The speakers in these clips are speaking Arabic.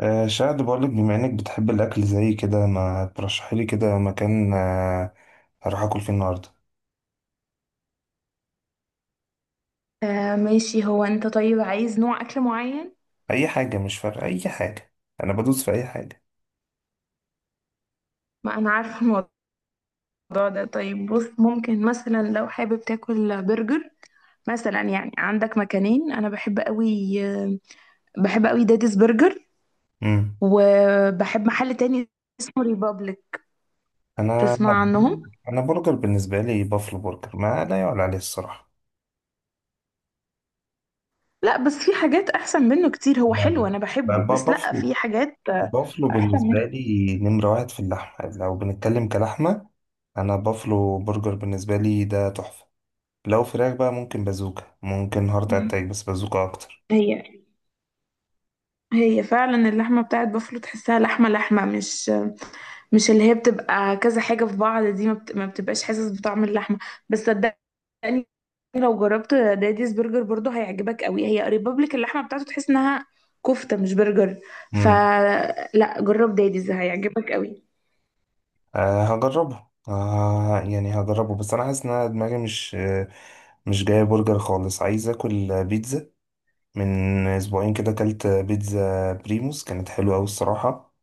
شاهد بقولك، بما انك بتحب الاكل زي كده، ما ترشحي لي كده مكان. هروح اكل فيه النهارده. آه، ماشي. هو انت طيب عايز نوع اكل معين؟ اي حاجه، مش فارقه اي حاجه. انا بدوس في اي حاجه. ما انا عارفه الموضوع ده. طيب، بص، ممكن مثلا لو حابب تاكل برجر، مثلا يعني عندك مكانين. انا بحب قوي، داديز برجر. امم. وبحب محل تاني اسمه ريبابليك. انا لا. تسمع عنهم؟ انا برجر بالنسبه لي بافلو برجر ما لا يعلى عليه الصراحه. لا بس في حاجات احسن منه كتير، هو لا، حلو انا لا، بحبه بس لا، بافلو في حاجات بافلو احسن بالنسبه منه. لي نمره واحد في اللحمه لو بنتكلم كلحمه. انا بافلو برجر بالنسبه لي ده تحفه. لو فراخ بقى، ممكن بازوكا، ممكن هارت اتاك، بس بازوكا اكتر. هي هي فعلا اللحمه بتاعت بافلو، تحسها لحمه لحمه، مش اللي هي بتبقى كذا حاجة في بعض، دي ما بتبقاش حاسس بطعم اللحمة. بس صدقني لو جربت داديز برجر برضو هيعجبك قوي، هي قريبة لك، اللحمة بتاعته تحس انها كفتة مش برجر. فلا جرب داديز هيعجبك قوي. هجربه. يعني هجربه، بس انا حاسس ان أنا دماغي مش، مش جايه برجر خالص. عايز اكل بيتزا. من اسبوعين كده اكلت بيتزا بريموس كانت حلوه قوي الصراحه.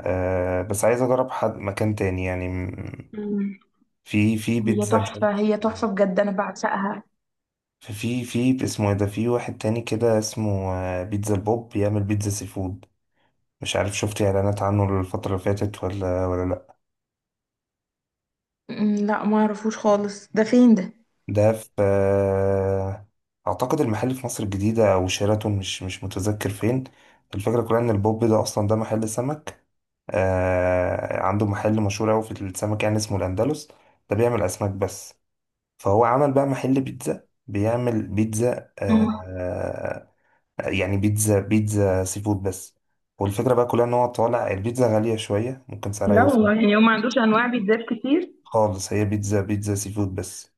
بس عايز اجرب حد مكان تاني يعني مم. في هي بيتزا مش عارف. تحفة، هي تحفة بجد، انا بعشقها. في في في اسمه ايه ده، في واحد تاني كده اسمه بيتزا البوب، بيعمل بيتزا سي فود. مش عارف شفت اعلانات عنه الفتره اللي فاتت ولا لأ. لا ما اعرفوش خالص، ده فين ده؟ ده في اعتقد المحل في مصر الجديدة او شيراتون، مش متذكر فين. الفكرة كلها ان البوب ده اصلا ده محل سمك. عنده محل مشهور اوي في السمك، يعني اسمه الاندلس. ده بيعمل اسماك بس، فهو عمل بقى محل بيتزا بيعمل بيتزا مم. يعني بيتزا بيتزا سي فود بس. والفكرة بقى كلها ان هو طالع البيتزا غالية شوية، ممكن سعرها لا يوصل. والله، يعني هو ما عندوش انواع بيتزات كتير. خالص هي بيتزا بيتزا سي فود بس.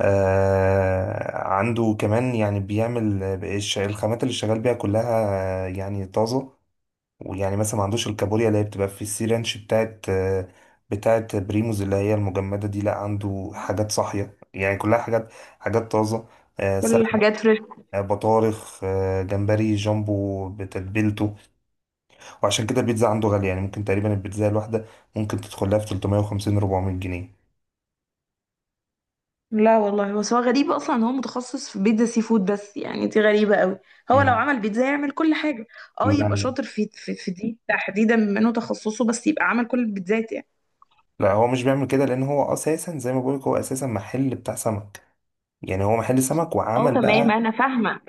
عنده كمان يعني، بيعمل الخامات اللي شغال بيها كلها يعني طازة. ويعني مثلا ما عندوش الكابوريا اللي هي بتبقى في السي رانش بتاعت بتاعت بريموز، اللي هي المجمدة دي. لا، عنده حاجات صاحية يعني كلها حاجات طازة. كل سلمون، الحاجات فريش. بطارخ، جمبري جامبو بتتبيلته. وعشان كده البيتزا عنده غالية، يعني ممكن تقريبا البيتزا الواحدة ممكن تدخل لها في 350 400 جنيه. لا والله، بس هو غريب اصلا ان هو متخصص في بيتزا سي فود بس، يعني دي غريبه قوي. هو لو مم. عمل بيتزا يعمل كل حاجه. اه، يبقى لا، شاطر في دي تحديدا، بما انه تخصصه، بس يبقى عمل كل البيتزات يعني. لا، هو مش بيعمل كده، لان هو اساسا زي ما بقولك، هو اساسا محل بتاع سمك. يعني هو محل سمك اه وعمل تمام، بقى. انا فاهمه.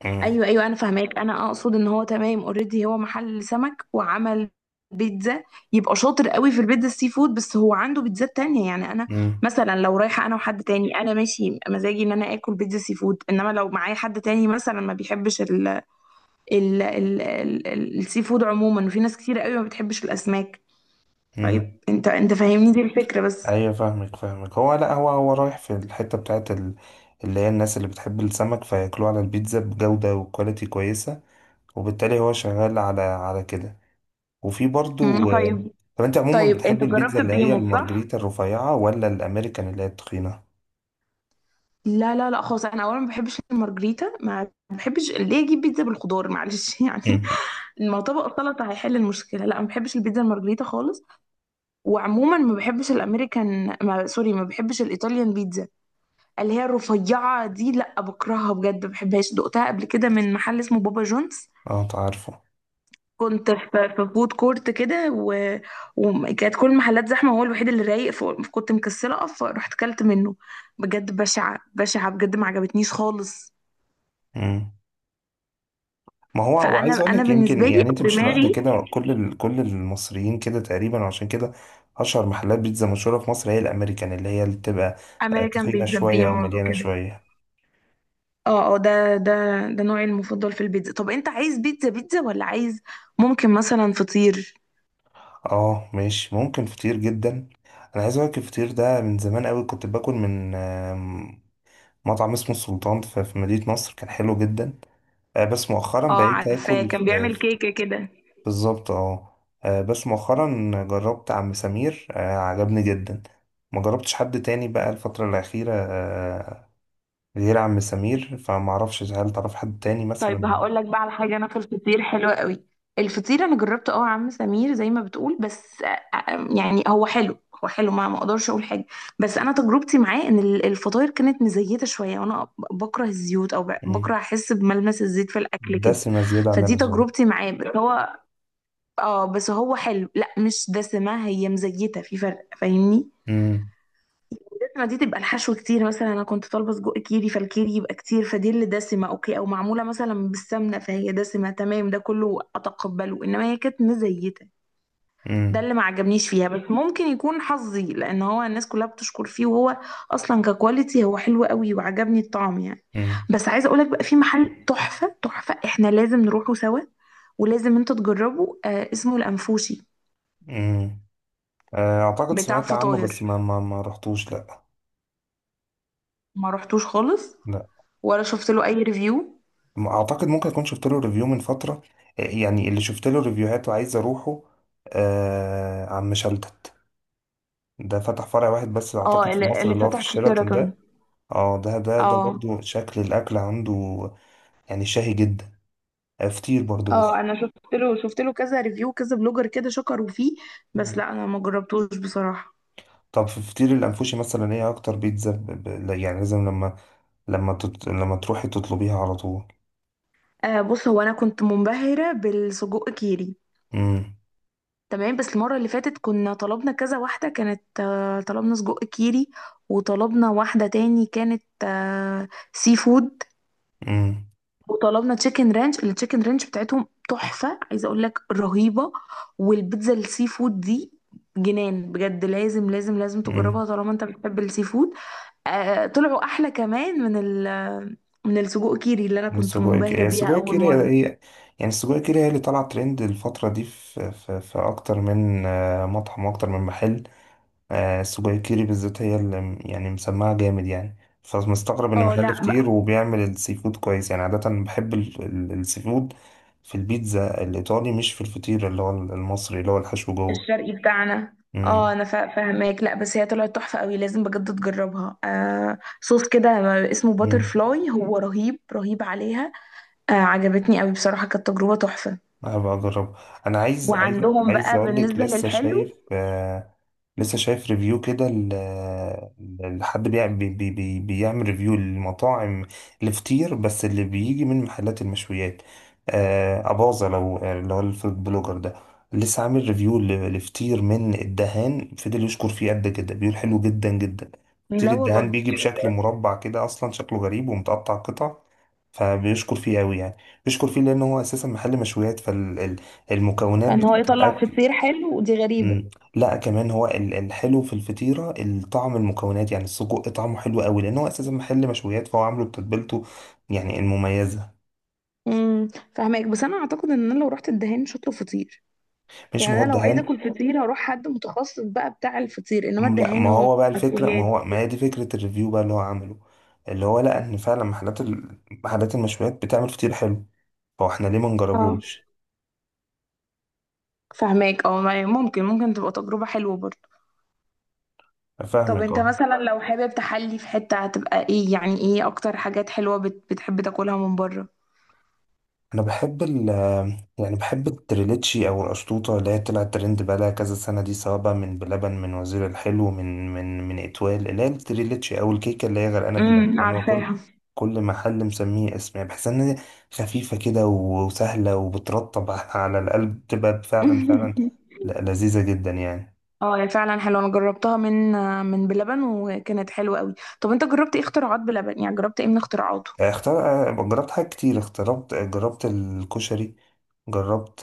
امم. ايوه ايوه، انا فاهماك. انا اقصد ان هو تمام، اوريدي هو محل سمك وعمل بيتزا، يبقى شاطر قوي في البيتزا السي فود، بس هو عنده بيتزات تانية يعني. انا امم. مثلا لو رايحه انا وحد تاني، انا ماشي مزاجي ان انا اكل بيتزا سي فود، انما لو معايا حد تاني مثلا ما بيحبش السي فود عموما، وفي ناس كتير قوي ما بتحبش الاسماك. امم. طيب انت فاهمني دي الفكره بس. ايوه، فاهمك فاهمك. هو لا، هو رايح في الحته بتاعت ال... اللي هي الناس اللي بتحب السمك فياكلوه على البيتزا بجوده وكواليتي كويسه، وبالتالي هو شغال على كده. وفي مم. برضو. طيب. طب انت عموما طيب بتحب انت البيتزا جربت اللي هي بريمو، صح؟ المارجريتا الرفيعه ولا الامريكان اللي هي التخينه؟ لا لا لا خالص، انا اولا ما بحبش المارجريتا، ما بحبش ليه اجيب بيتزا بالخضار، معلش يعني، امم. ما طبق السلطه هيحل المشكله. لا ما بحبش البيتزا المارجريتا خالص، وعموما ما بحبش الامريكان، ما سوري، ما بحبش الايطاليان بيتزا اللي هي الرفيعه دي، لا بكرهها بجد ما بحبهاش، دقتها قبل كده من محل اسمه بابا جونز. اه، تعرفه. كنت في فود كورت كده، وكانت كل المحلات زحمه، هو الوحيد اللي رايق، فكنت مكسله اقف، رحت كلت منه، بجد بشعه بشعه بجد، ما عجبتنيش خالص. ما هو، فانا وعايز اقول انا لك يمكن بالنسبه لي يعني انت أو مش لوحدك دماغي كده، كل المصريين كده تقريبا، وعشان كده اشهر محلات بيتزا مشهوره في مصر هي الامريكان اللي هي اللي بتبقى امريكان تخينه بيتزا، شويه او بريموز مليانه وكده. شويه. اه اه، ده نوعي المفضل في البيتزا. طب انت عايز بيتزا بيتزا ولا عايز، ممكن مثلا فطير. اه ماشي، ممكن فطير جدا. انا عايز اقول لك الفطير ده من زمان قوي كنت باكل من مطعم اسمه السلطان في مدينه نصر كان حلو جدا. بس مؤخرا اه بقيت عارفاه، اكل في. كان بيعمل كيكه كده. بالظبط اه. بس مؤخرا جربت عم سمير عجبني جدا. ما جربتش حد تاني بقى الفترة الأخيرة، غير عم سمير، فما اعرفش هل تعرف حد تاني طيب مثلا. هقول لك بقى على حاجه، انا في الفطير حلوه قوي، الفطير انا جربته اه يا عم سمير زي ما بتقول، بس يعني هو حلو، هو حلو، ما اقدرش اقول حاجه، بس انا تجربتي معاه ان الفطاير كانت مزيته شويه، وانا بكره الزيوت، او مم. بكره احس بملمس الزيت في الاكل كده. دسمة زيادة عن فدي اللزوم. تجربتي معاه، بس هو حلو، لا مش دسمه، هي مزيته، في فرق فاهمني، مم. دي تبقى الحشو كتير، مثلا انا كنت طالبه سجق كيري، فالكيري يبقى كتير، فدي اللي دسمه اوكي، او معموله مثلا بالسمنه، فهي دسمه تمام ده كله اتقبله، انما هي كانت مزيته، ده مم. اللي ما عجبنيش فيها. بس ممكن يكون حظي، لان هو الناس كلها بتشكر فيه، وهو اصلا ككواليتي هو حلو قوي وعجبني الطعم يعني. مم. بس عايزه اقولك بقى، في محل تحفه تحفه، احنا لازم نروحه سوا، ولازم انت تجربه، اسمه الانفوشي، مم. اعتقد بتاع سمعت عنه، بس فطاير. ما رحتوش، لا. ما رحتوش خالص، لا، ولا شفت له اي ريفيو. ما اعتقد، ممكن اكون شفت له ريفيو من فترة. يعني اللي شفت له ريفيوهات وعايز اروحه عم شلتت. ده فتح فرع واحد بس اه اعتقد في اللي, مصر اللي اللي هو في فتح في الشيراتون شيراتون. ده. اه، ده اه برضو شكل الاكل عنده يعني شهي جدا. فطير برضو بس. اه، انا شفت له كذا ريفيو، كذا بلوجر كده شكروا فيه، بس مم. لا انا ما جربتوش بصراحة. طب في فطير الانفوشي مثلا، ايه اكتر بيتزا لا، يعني لازم لما لما تروحي تطلبيها على طول. آه بص، هو انا كنت منبهرة بالسجق كيري، امم. تمام، بس المرة اللي فاتت كنا طلبنا كذا واحدة، كانت طلبنا سجق كيري، وطلبنا واحدة تاني كانت سي فود، امم. وطلبنا تشيكن رانش، التشيكن رانش بتاعتهم تحفة، عايزة اقول لك رهيبة، والبيتزا السي فود دي جنان بجد، لازم لازم لازم امم. تجربها طالما انت بتحب السي فود. طلعوا احلى كمان من ال من السجق كيري اللي انا كنت السجق كيري منبهرة هي بيها السجق اول كيري هي مرة. هي- السجق كيري هي اللي طالعه ترند الفتره دي في في اكتر من مطعم واكتر من محل. السجاير بالذات هي اللي يعني مسمعة جامد يعني. فمستغرب ان اه محل لا فطير بقى، وبيعمل السي فود كويس. يعني عادة بحب السي فود في البيتزا الإيطالي، مش في الفطير اللي هو المصري اللي هو الحشو جوه. الشرقي بتاعنا. اه مم. انا فاهماك، لا بس هي طلعت تحفة قوي، لازم بجد تجربها، صوص كده اسمه باتر مم. فلاي هو رهيب رهيب عليها. عجبتني قوي بصراحة، كانت تجربة تحفة. أبقى أجرب. أنا عايز آه. عايز وعندهم عايز بقى أقول لك بالنسبة لسه للحلو. شايف، لسه شايف ريفيو كده لحد بيع- بي بي بي بيعمل ريفيو للمطاعم الفطير بس اللي بيجي من محلات المشويات. أباظة، لو اللي هو الفود بلوجر ده، لسه عامل ريفيو لفطير من الدهان، فضل يشكر فيه قد كده، بيقول حلو جدا جدا. فطير لا الدهان والله، بيجي بشكل مربع كده، أصلا شكله غريب ومتقطع قطع، فبيشكر فيه أوي يعني. بيشكر فيه لأنه هو أساسا محل مشويات، فالمكونات فان هو بتاعة يطلع الأكل. فطير حلو ودي غريبة. مم. لا، كمان هو الحلو في الفطيرة، الطعم، المكونات، يعني السجق طعمه حلو قوي لأن هو أساسا محل مشويات، فهو عامله بتتبيلته يعني المميزة. امم. فاهمك، بس انا اعتقد ان انا لو رحت الدهان مش هطلب فطير، مش، ما هو يعني انا لو عايزة الدهان. اكل فطير هروح حد متخصص بقى بتاع الفطير، انما لا، الدهان ما هو هو بقى الفكرة، مشويات. ما هي دي فكرة الريفيو بقى اللي هو عامله، اللي هو لقى إن فعلا محلات محلات المشويات بتعمل فطير حلو، فاحنا ليه ما اه نجربوش. فاهماك اه، ممكن تبقى تجربة حلوة برضه. طب فاهمك انت اه. مثلا لو حابب تحلي في حتة هتبقى ايه، يعني ايه اكتر حاجات حلوة بتحب تاكلها من بره؟ انا بحب يعني بحب التريليتشي او القشطوطه اللي هي طلعت ترند بقالها كذا سنه دي، سواء بقى من بلبن، من وزير الحلو، من اتوال، اللي هي التريليتشي او الكيكه اللي هي غرقانه باللبن، لان هو كل عارفاها كل محل مسميه اسم. يعني بحس ان هي خفيفه كده وسهله وبترطب على القلب، بتبقى فعلا فعلا لذيذه جدا يعني. اه هي فعلا حلوه، انا جربتها من بلبن وكانت حلوه قوي. طب انت جربت ايه اختراعات بلبن، يعني جربت ايه من اختراعاته؟ جربت حاجات كتير، جربت الكشري، جربت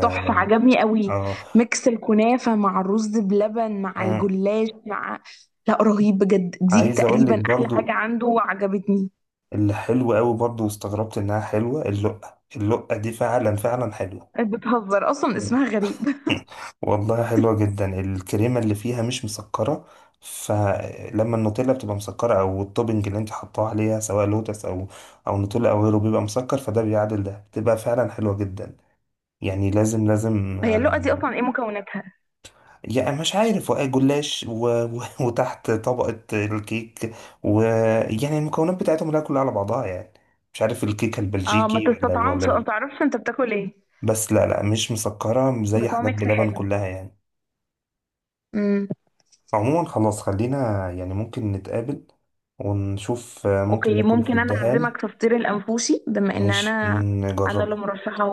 تحفه عجبني قوي، آه، ميكس الكنافه مع الرز بلبن مع آه، الجلاش مع، لا رهيب بجد، دي عايز اقول لك تقريبا احلى حاجه برضو عنده وعجبتني. اللي حلو قوي برضو، واستغربت انها حلوة، اللقة، دي فعلا فعلا حلوة. بتهزر اصلا اسمها غريب والله حلوة جدا. الكريمة اللي فيها مش مسكرة، فلما النوتيلا بتبقى مسكرة او التوبنج اللي انت حطاه عليها سواء لوتس او نوتيلا او غيره بيبقى مسكر، فده بيعادل ده، بتبقى فعلا حلوة جدا يعني. لازم لازم، هي اللقه دي اصلا ايه مكوناتها؟ يعني مش عارف، وقع جلاش وتحت طبقة الكيك، ويعني المكونات بتاعتهم لا كلها على بعضها يعني. مش عارف الكيكة اه ما البلجيكي ولا تستطعمش ما تعرفش انت بتاكل ايه. بس لا، لا، مش مسكرة مش زي بس هو حاجات ميكس بلبن حلو. كلها يعني. امم. عموما خلاص، خلينا يعني ممكن نتقابل ونشوف ممكن اوكي، ناكل في ممكن انا الدهان، اعزمك في فطير الانفوشي، بما ان مش انا اللي نجربه. مرشحه،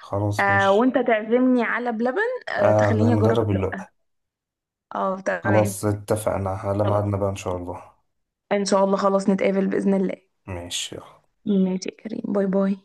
خلاص، مش. وانت تعزمني على بلبن، آه، تخليني اجرب هنجرب اللقة. اللقة. اه تمام. خلاص، اتفقنا على خلاص ميعادنا بقى إن شاء الله. ان شاء الله، خلاص نتقابل بإذن الله. ماشي يلا. ماشي يا كريم، باي باي.